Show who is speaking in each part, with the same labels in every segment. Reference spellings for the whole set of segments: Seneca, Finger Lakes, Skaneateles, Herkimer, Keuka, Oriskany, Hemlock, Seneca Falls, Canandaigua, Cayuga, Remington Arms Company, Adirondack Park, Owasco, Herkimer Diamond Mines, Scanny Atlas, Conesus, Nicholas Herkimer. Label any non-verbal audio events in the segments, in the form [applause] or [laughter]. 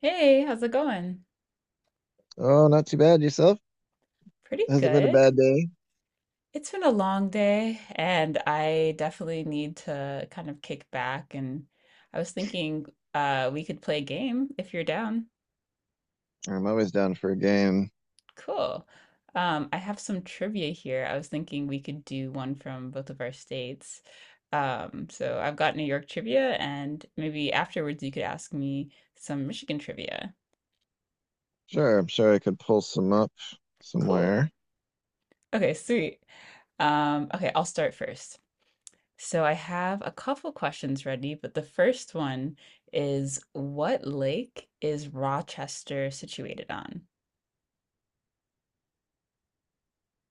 Speaker 1: Hey, how's it going?
Speaker 2: Oh, not too bad yourself.
Speaker 1: Pretty
Speaker 2: Hasn't been a
Speaker 1: good.
Speaker 2: bad day.
Speaker 1: It's been a long day, and I definitely need to kind of kick back. And I was thinking we could play a game if you're down.
Speaker 2: I'm always down for a game.
Speaker 1: Cool. I have some trivia here. I was thinking we could do one from both of our states. So I've got New York trivia, and maybe afterwards you could ask me some Michigan trivia.
Speaker 2: Sure, I'm sure I could pull some up
Speaker 1: Cool.
Speaker 2: somewhere.
Speaker 1: Okay, sweet. Okay, I'll start first. So I have a couple questions ready, but the first one is what lake is Rochester situated on?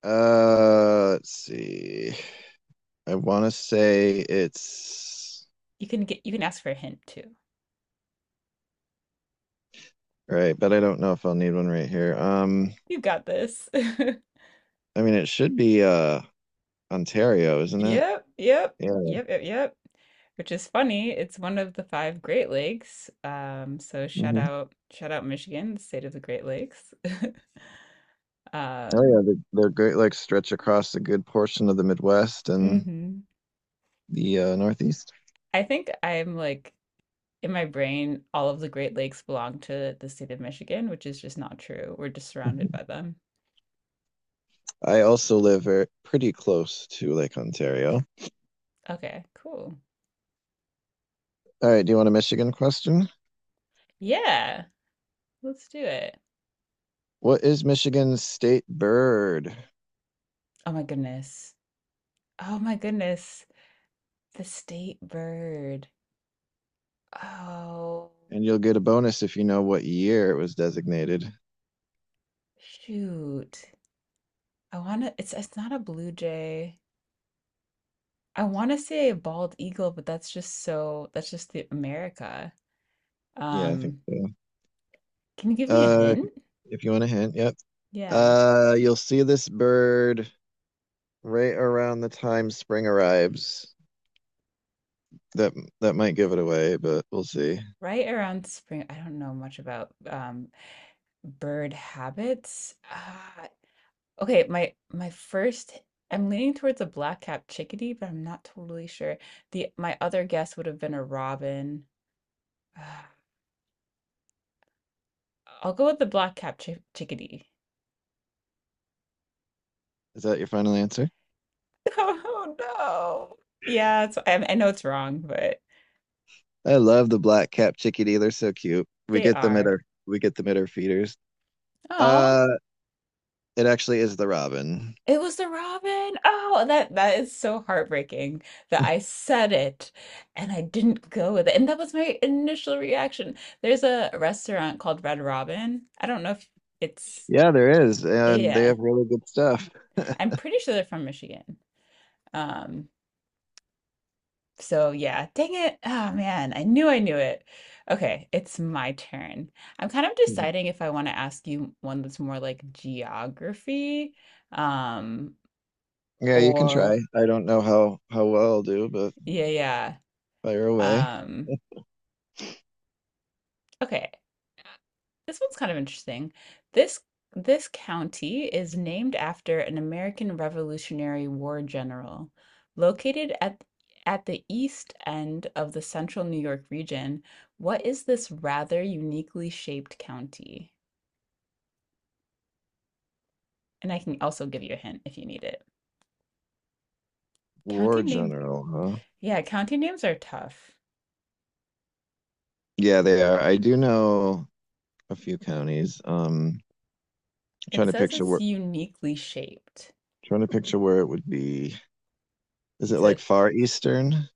Speaker 2: Let's see. I want to say it's
Speaker 1: You can ask for a hint too.
Speaker 2: right, but I don't know if I'll need one right here.
Speaker 1: You got this. [laughs]
Speaker 2: I mean, it should be Ontario, isn't it?
Speaker 1: Yep, yep,
Speaker 2: Yeah.
Speaker 1: yep, yep, yep. Which is funny. It's one of the 5 Great Lakes. So
Speaker 2: hmm
Speaker 1: shout out Michigan, the state of the Great Lakes. [laughs]
Speaker 2: Oh yeah,
Speaker 1: Um,
Speaker 2: they're great. Like stretch across a good portion of the Midwest and
Speaker 1: mhm.
Speaker 2: the Northeast.
Speaker 1: I think I'm like In my brain, all of the Great Lakes belong to the state of Michigan, which is just not true. We're just surrounded
Speaker 2: Mhm.
Speaker 1: by them.
Speaker 2: I also live pretty close to Lake Ontario.
Speaker 1: Okay, cool.
Speaker 2: All right, do you want a Michigan question?
Speaker 1: Yeah, let's do it.
Speaker 2: What is Michigan's state bird?
Speaker 1: Oh my goodness. Oh my goodness. The state bird. Oh,
Speaker 2: And you'll get a bonus if you know what year it was designated.
Speaker 1: shoot. It's not a blue jay. I want to say a bald eagle, but that's just the America.
Speaker 2: Yeah, I think
Speaker 1: Um,
Speaker 2: so.
Speaker 1: can you give me a
Speaker 2: Uh,
Speaker 1: hint?
Speaker 2: if you want a hint, yep.
Speaker 1: Yeah.
Speaker 2: You'll see this bird right around the time spring arrives. That that might give it away, but we'll see.
Speaker 1: Right around spring, I don't know much about bird habits? Ah, okay, my first I'm leaning towards a black-capped chickadee, but I'm not totally sure. The My other guess would have been a robin. Ah, I'll go with the black-capped chickadee.
Speaker 2: Is that your final answer?
Speaker 1: [laughs] Oh no. Yeah, it's, I, I know it's wrong, but
Speaker 2: I love the black cap chickadee. They're so cute.
Speaker 1: they are.
Speaker 2: We get them at our feeders.
Speaker 1: Oh.
Speaker 2: Uh, it actually is the robin.
Speaker 1: It was the robin. Oh, that is so heartbreaking that I said it and I didn't go with it. And that was my initial reaction. There's a restaurant called Red Robin. I don't know if it's
Speaker 2: Yeah, there is, and they
Speaker 1: yeah.
Speaker 2: have really good stuff.
Speaker 1: I'm pretty sure they're from Michigan. Um, so yeah, dang it. Oh man, I knew it. Okay, it's my turn. I'm kind of
Speaker 2: Mhm.
Speaker 1: deciding if I want to ask you one that's more like geography, um,
Speaker 2: Yeah, you can try.
Speaker 1: or
Speaker 2: I don't know how well I'll do, but
Speaker 1: yeah.
Speaker 2: fire away.
Speaker 1: Um Okay, this one's kind of interesting. This this county is named after an American Revolutionary War general. Located at the east end of the central New York region, what is this rather uniquely shaped county? And I can also give you a hint if you need it. County
Speaker 2: War
Speaker 1: name,
Speaker 2: general, huh?
Speaker 1: yeah, county names are tough.
Speaker 2: Yeah, they are. I do know a few counties.
Speaker 1: It
Speaker 2: Trying to
Speaker 1: says
Speaker 2: picture
Speaker 1: it's
Speaker 2: where
Speaker 1: uniquely shaped.
Speaker 2: trying to picture where it would be. Is it
Speaker 1: So
Speaker 2: like far eastern?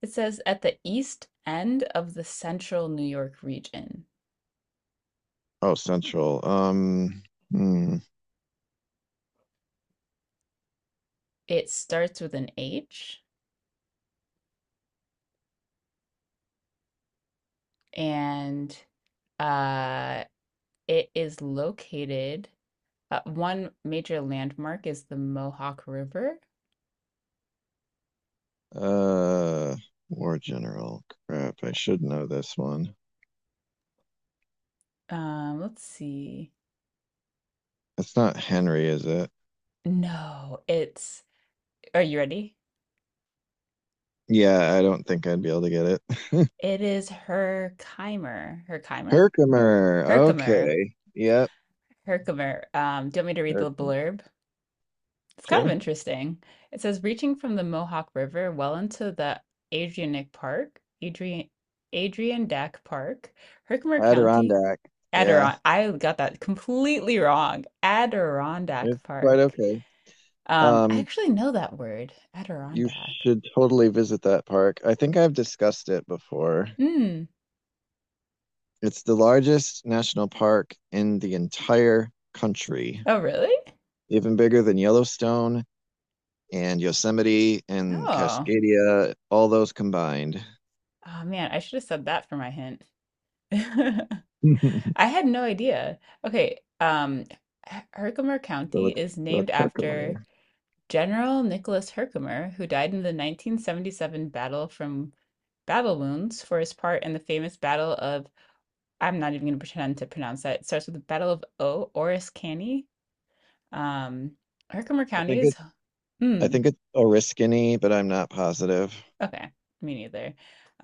Speaker 1: it says at the east end of the central New York region.
Speaker 2: Oh, central. Hmm.
Speaker 1: It starts with an H and, uh, it is located one major landmark is the Mohawk River.
Speaker 2: Uh, War general. Crap, I should know this one.
Speaker 1: Let's see.
Speaker 2: It's not Henry, is it?
Speaker 1: No, it's are you ready?
Speaker 2: Yeah, I don't think I'd be able to get it. [laughs]
Speaker 1: It is Herkimer. Herkimer?
Speaker 2: Herkimer.
Speaker 1: Herkimer.
Speaker 2: Okay. Yep.
Speaker 1: Herkimer. Do you want me to read the
Speaker 2: Herkimer.
Speaker 1: blurb? It's kind of
Speaker 2: Sure.
Speaker 1: interesting. It says reaching from the Mohawk River well into the Adirondack Park, Adrian Adirondack Park, Herkimer County,
Speaker 2: Adirondack. Yeah,
Speaker 1: Adiron. I got that completely wrong.
Speaker 2: it's
Speaker 1: Adirondack
Speaker 2: quite
Speaker 1: Park.
Speaker 2: okay.
Speaker 1: I
Speaker 2: Um,
Speaker 1: actually know that word,
Speaker 2: you
Speaker 1: Adirondack.
Speaker 2: should totally visit that park. I think I've discussed it before.
Speaker 1: Mm.
Speaker 2: It's the largest national park in the entire country,
Speaker 1: Oh, really?
Speaker 2: even bigger than Yellowstone and Yosemite and
Speaker 1: Oh.
Speaker 2: Cascadia, all those combined.
Speaker 1: Oh man, I should have said that for my hint. [laughs] I
Speaker 2: [laughs]
Speaker 1: had no idea. Okay, H- Herkimer
Speaker 2: So
Speaker 1: County
Speaker 2: it's
Speaker 1: is
Speaker 2: so
Speaker 1: named
Speaker 2: it's
Speaker 1: after.
Speaker 2: Herkimer.
Speaker 1: General Nicholas Herkimer, who died in the 1977 battle from battle wounds for his part in the famous Battle of, I'm not even going to pretend to pronounce that. It starts with the Battle of O, Oris Canny. Um, Herkimer
Speaker 2: I
Speaker 1: County
Speaker 2: think
Speaker 1: is,
Speaker 2: it I
Speaker 1: hmm,
Speaker 2: think it's Oriskany, but I'm not positive.
Speaker 1: okay, me neither.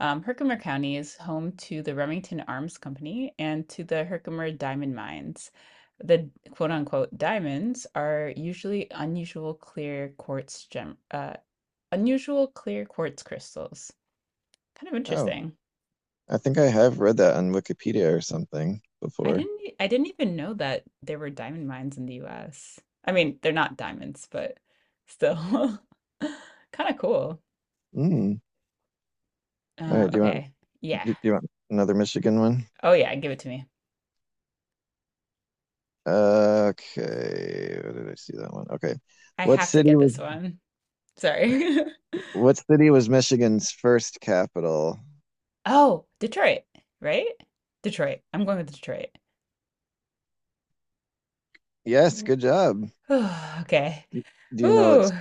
Speaker 1: Herkimer County is home to the Remington Arms Company and to the Herkimer Diamond Mines. The quote unquote diamonds are usually unusual clear quartz crystals. Kind of
Speaker 2: Oh,
Speaker 1: interesting.
Speaker 2: I think I have read that on Wikipedia or something before.
Speaker 1: I didn't even know that there were diamond mines in the US. I mean, they're not diamonds, but still [laughs] kind of cool.
Speaker 2: Mm. All right,
Speaker 1: Okay. Yeah.
Speaker 2: Do you want another Michigan one?
Speaker 1: Oh yeah, give it to me.
Speaker 2: Okay, where did I see that one? Okay.
Speaker 1: I
Speaker 2: What
Speaker 1: have to
Speaker 2: city
Speaker 1: get
Speaker 2: was
Speaker 1: this one. Sorry. [laughs]
Speaker 2: what city was Michigan's first capital?
Speaker 1: Oh, Detroit, right? Detroit. I'm going with Detroit.
Speaker 2: Yes, good job.
Speaker 1: [sighs] Okay.
Speaker 2: Do you know
Speaker 1: Ooh.
Speaker 2: its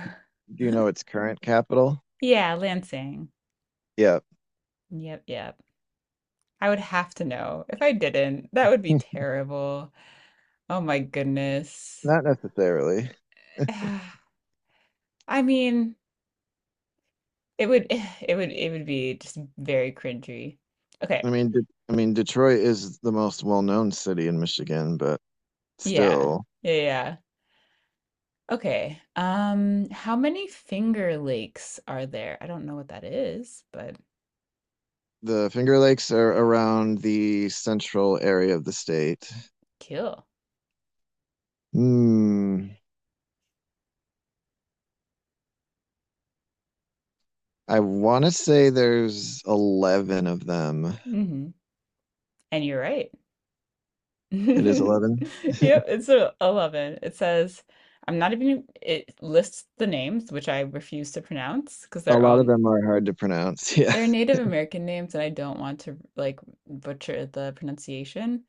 Speaker 2: do you know
Speaker 1: [laughs]
Speaker 2: its current capital?
Speaker 1: Yeah, Lansing.
Speaker 2: Yeah,
Speaker 1: Yep, yep. I would have to know. If I didn't, that would be terrible. Oh my goodness.
Speaker 2: not necessarily.
Speaker 1: [sighs] I mean, it would [sighs] it would be just very cringy. Okay.
Speaker 2: I mean Detroit is the most well-known city in Michigan, but
Speaker 1: Yeah.
Speaker 2: still,
Speaker 1: Yeah, yeah. Okay. How many Finger Lakes are there? I don't know what that is, but
Speaker 2: the Finger Lakes are around the central area of the state.
Speaker 1: kill.
Speaker 2: Hmm. I want to say there's 11 of them.
Speaker 1: Hmm. And you're right.
Speaker 2: It is
Speaker 1: [laughs]
Speaker 2: 11.
Speaker 1: Yep,
Speaker 2: [laughs]
Speaker 1: it's a 11. It says I'm not even it lists the names, which I refuse to pronounce because
Speaker 2: A lot of them are hard to pronounce. [laughs] Yeah.
Speaker 1: they're Native American names and I don't want to like butcher the pronunciation.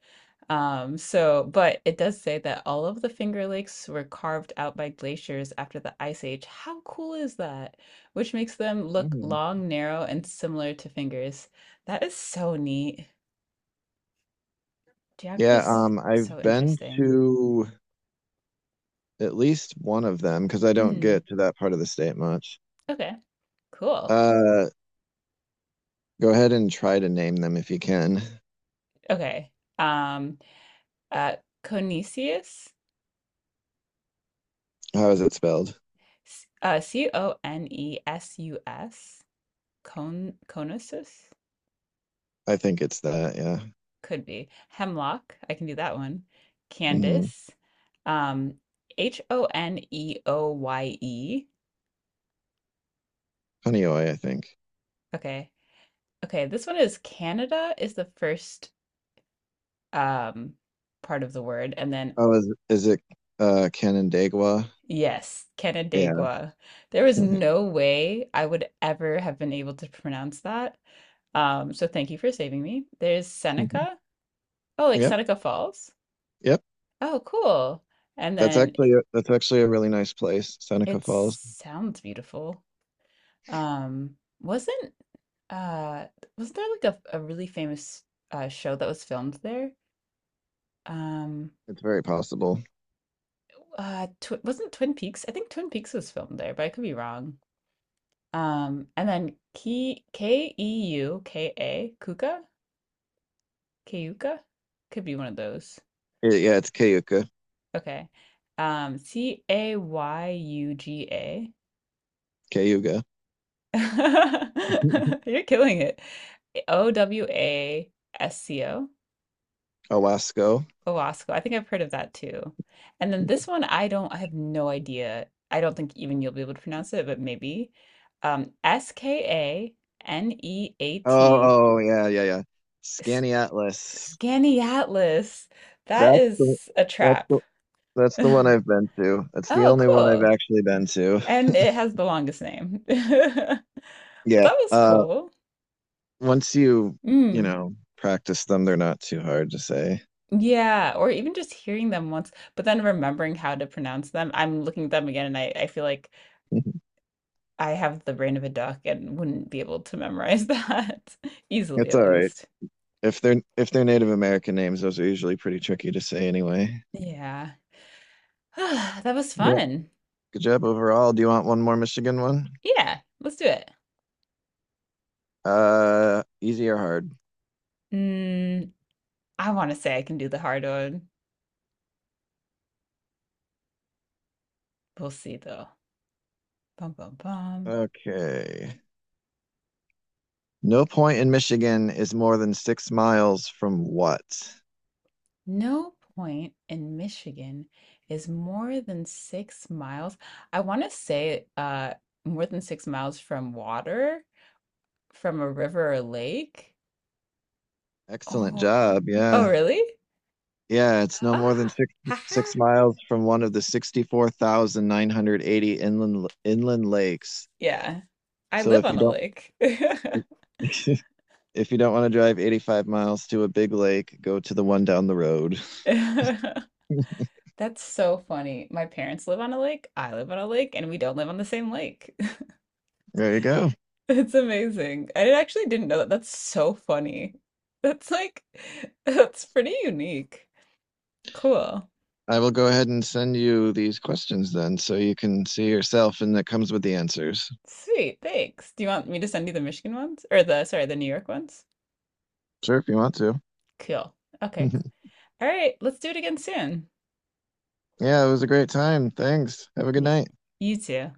Speaker 1: But it does say that all of the Finger Lakes were carved out by glaciers after the Ice Age. How cool is that? Which makes them look
Speaker 2: Mhm.
Speaker 1: long, narrow, and similar to fingers. That is so neat.
Speaker 2: Yeah,
Speaker 1: Geography's
Speaker 2: um,
Speaker 1: so
Speaker 2: I've been
Speaker 1: interesting.
Speaker 2: to at least one of them because I don't
Speaker 1: Hmm.
Speaker 2: get to that part of the state much.
Speaker 1: Okay. Cool.
Speaker 2: Uh, Go ahead and try to name them if you can.
Speaker 1: Okay. Um, uh, Conesius,
Speaker 2: How is it spelled?
Speaker 1: Conesus, Conesus?
Speaker 2: I think it's that, yeah.
Speaker 1: Could be. Hemlock, I can do that one.
Speaker 2: Mm-hmm.
Speaker 1: Candace. Um, Honeoye.
Speaker 2: Honeoy, I think.
Speaker 1: Okay. Okay, this one is Canada is the first um part of the word, and then
Speaker 2: Oh, is it Canandaigua?
Speaker 1: yes,
Speaker 2: Yeah.
Speaker 1: Canandaigua. There was
Speaker 2: [laughs]
Speaker 1: no way I would ever have been able to pronounce that. So thank you for saving me. There's Seneca. Oh, like
Speaker 2: Yep,
Speaker 1: Seneca Falls.
Speaker 2: yep.
Speaker 1: Oh, cool. And
Speaker 2: That's
Speaker 1: then
Speaker 2: actually a, that's actually a really nice place, Seneca
Speaker 1: it
Speaker 2: Falls.
Speaker 1: sounds beautiful. Um, wasn't uh wasn't there like a really famous show that was filmed there? Um,
Speaker 2: It's very possible.
Speaker 1: tw wasn't Twin Peaks? I think Twin Peaks was filmed there, but I could be wrong. And then KKEUKA Kuka Keuka could be one of those.
Speaker 2: Yeah, it's Cayuga.
Speaker 1: Okay. Cayuga.
Speaker 2: Cayuga.
Speaker 1: [laughs]
Speaker 2: [laughs]
Speaker 1: You're killing it. Owasco.
Speaker 2: Owasco.
Speaker 1: Owasco. I think I've heard of that too. And then this one, I have no idea. I don't think even you'll be able to pronounce it, but maybe.
Speaker 2: Oh,
Speaker 1: Skaneat,
Speaker 2: oh yeah, yeah, yeah.
Speaker 1: S-
Speaker 2: Scanny Atlas.
Speaker 1: Scaniatlas. That
Speaker 2: That's the
Speaker 1: is a
Speaker 2: that's
Speaker 1: trap. [laughs]
Speaker 2: the that's the one I've been to. That's the
Speaker 1: Oh,
Speaker 2: only one
Speaker 1: cool.
Speaker 2: I've actually been to.
Speaker 1: And it has the longest name. [laughs] Well,
Speaker 2: Yeah.
Speaker 1: that was
Speaker 2: Uh
Speaker 1: cool.
Speaker 2: once you, you
Speaker 1: Mm.
Speaker 2: know, practice them, they're not too hard to say.
Speaker 1: Yeah, or even just hearing them once, but then remembering how to pronounce them. I'm looking at them again and I feel like
Speaker 2: [laughs]
Speaker 1: I have the brain of a duck and wouldn't be able to memorize that [laughs] easily,
Speaker 2: It's
Speaker 1: at
Speaker 2: all right.
Speaker 1: least.
Speaker 2: If they're Native American names, those are usually pretty tricky to say anyway.
Speaker 1: Yeah. [sighs] That was
Speaker 2: Yeah.
Speaker 1: fun.
Speaker 2: Good job overall. Do you want one more Michigan one?
Speaker 1: Yeah, let's do it.
Speaker 2: Easy or hard?
Speaker 1: Mm, I want to say I can do the hard one. We'll see though. Bum bum bum.
Speaker 2: Okay. No point in Michigan is more than 6 miles from what?
Speaker 1: No point in Michigan is more than 6 miles. I want to say more than 6 miles from water, from a river or lake.
Speaker 2: Excellent
Speaker 1: Oh,
Speaker 2: job.
Speaker 1: oh,
Speaker 2: Yeah.
Speaker 1: really?
Speaker 2: Yeah, it's no more than
Speaker 1: Ah,
Speaker 2: six
Speaker 1: haha.
Speaker 2: six miles from one of the 64,980 inland lakes.
Speaker 1: Yeah. I
Speaker 2: So
Speaker 1: live
Speaker 2: if you
Speaker 1: on a
Speaker 2: don't
Speaker 1: lake.
Speaker 2: [laughs] if you don't want to drive 85 miles to a big lake, go to the one down the road.
Speaker 1: [laughs] That's so funny. My parents live on a lake, I live on a lake, and we don't live on the same lake. [laughs]
Speaker 2: There you go.
Speaker 1: It's amazing. I actually didn't know that. That's so funny. That's like, [laughs] that's pretty unique. Cool.
Speaker 2: I will go ahead and send you these questions then so you can see yourself and that comes with the answers.
Speaker 1: Sweet. Thanks. Do you want me to send you the Michigan ones? Or the, sorry, the New York ones?
Speaker 2: Sure, if you want to.
Speaker 1: Cool. Okay.
Speaker 2: [laughs] Yeah,
Speaker 1: c- All right. Let's do it again soon.
Speaker 2: it was a great time. Thanks. Have a good
Speaker 1: Y-
Speaker 2: night.
Speaker 1: You too.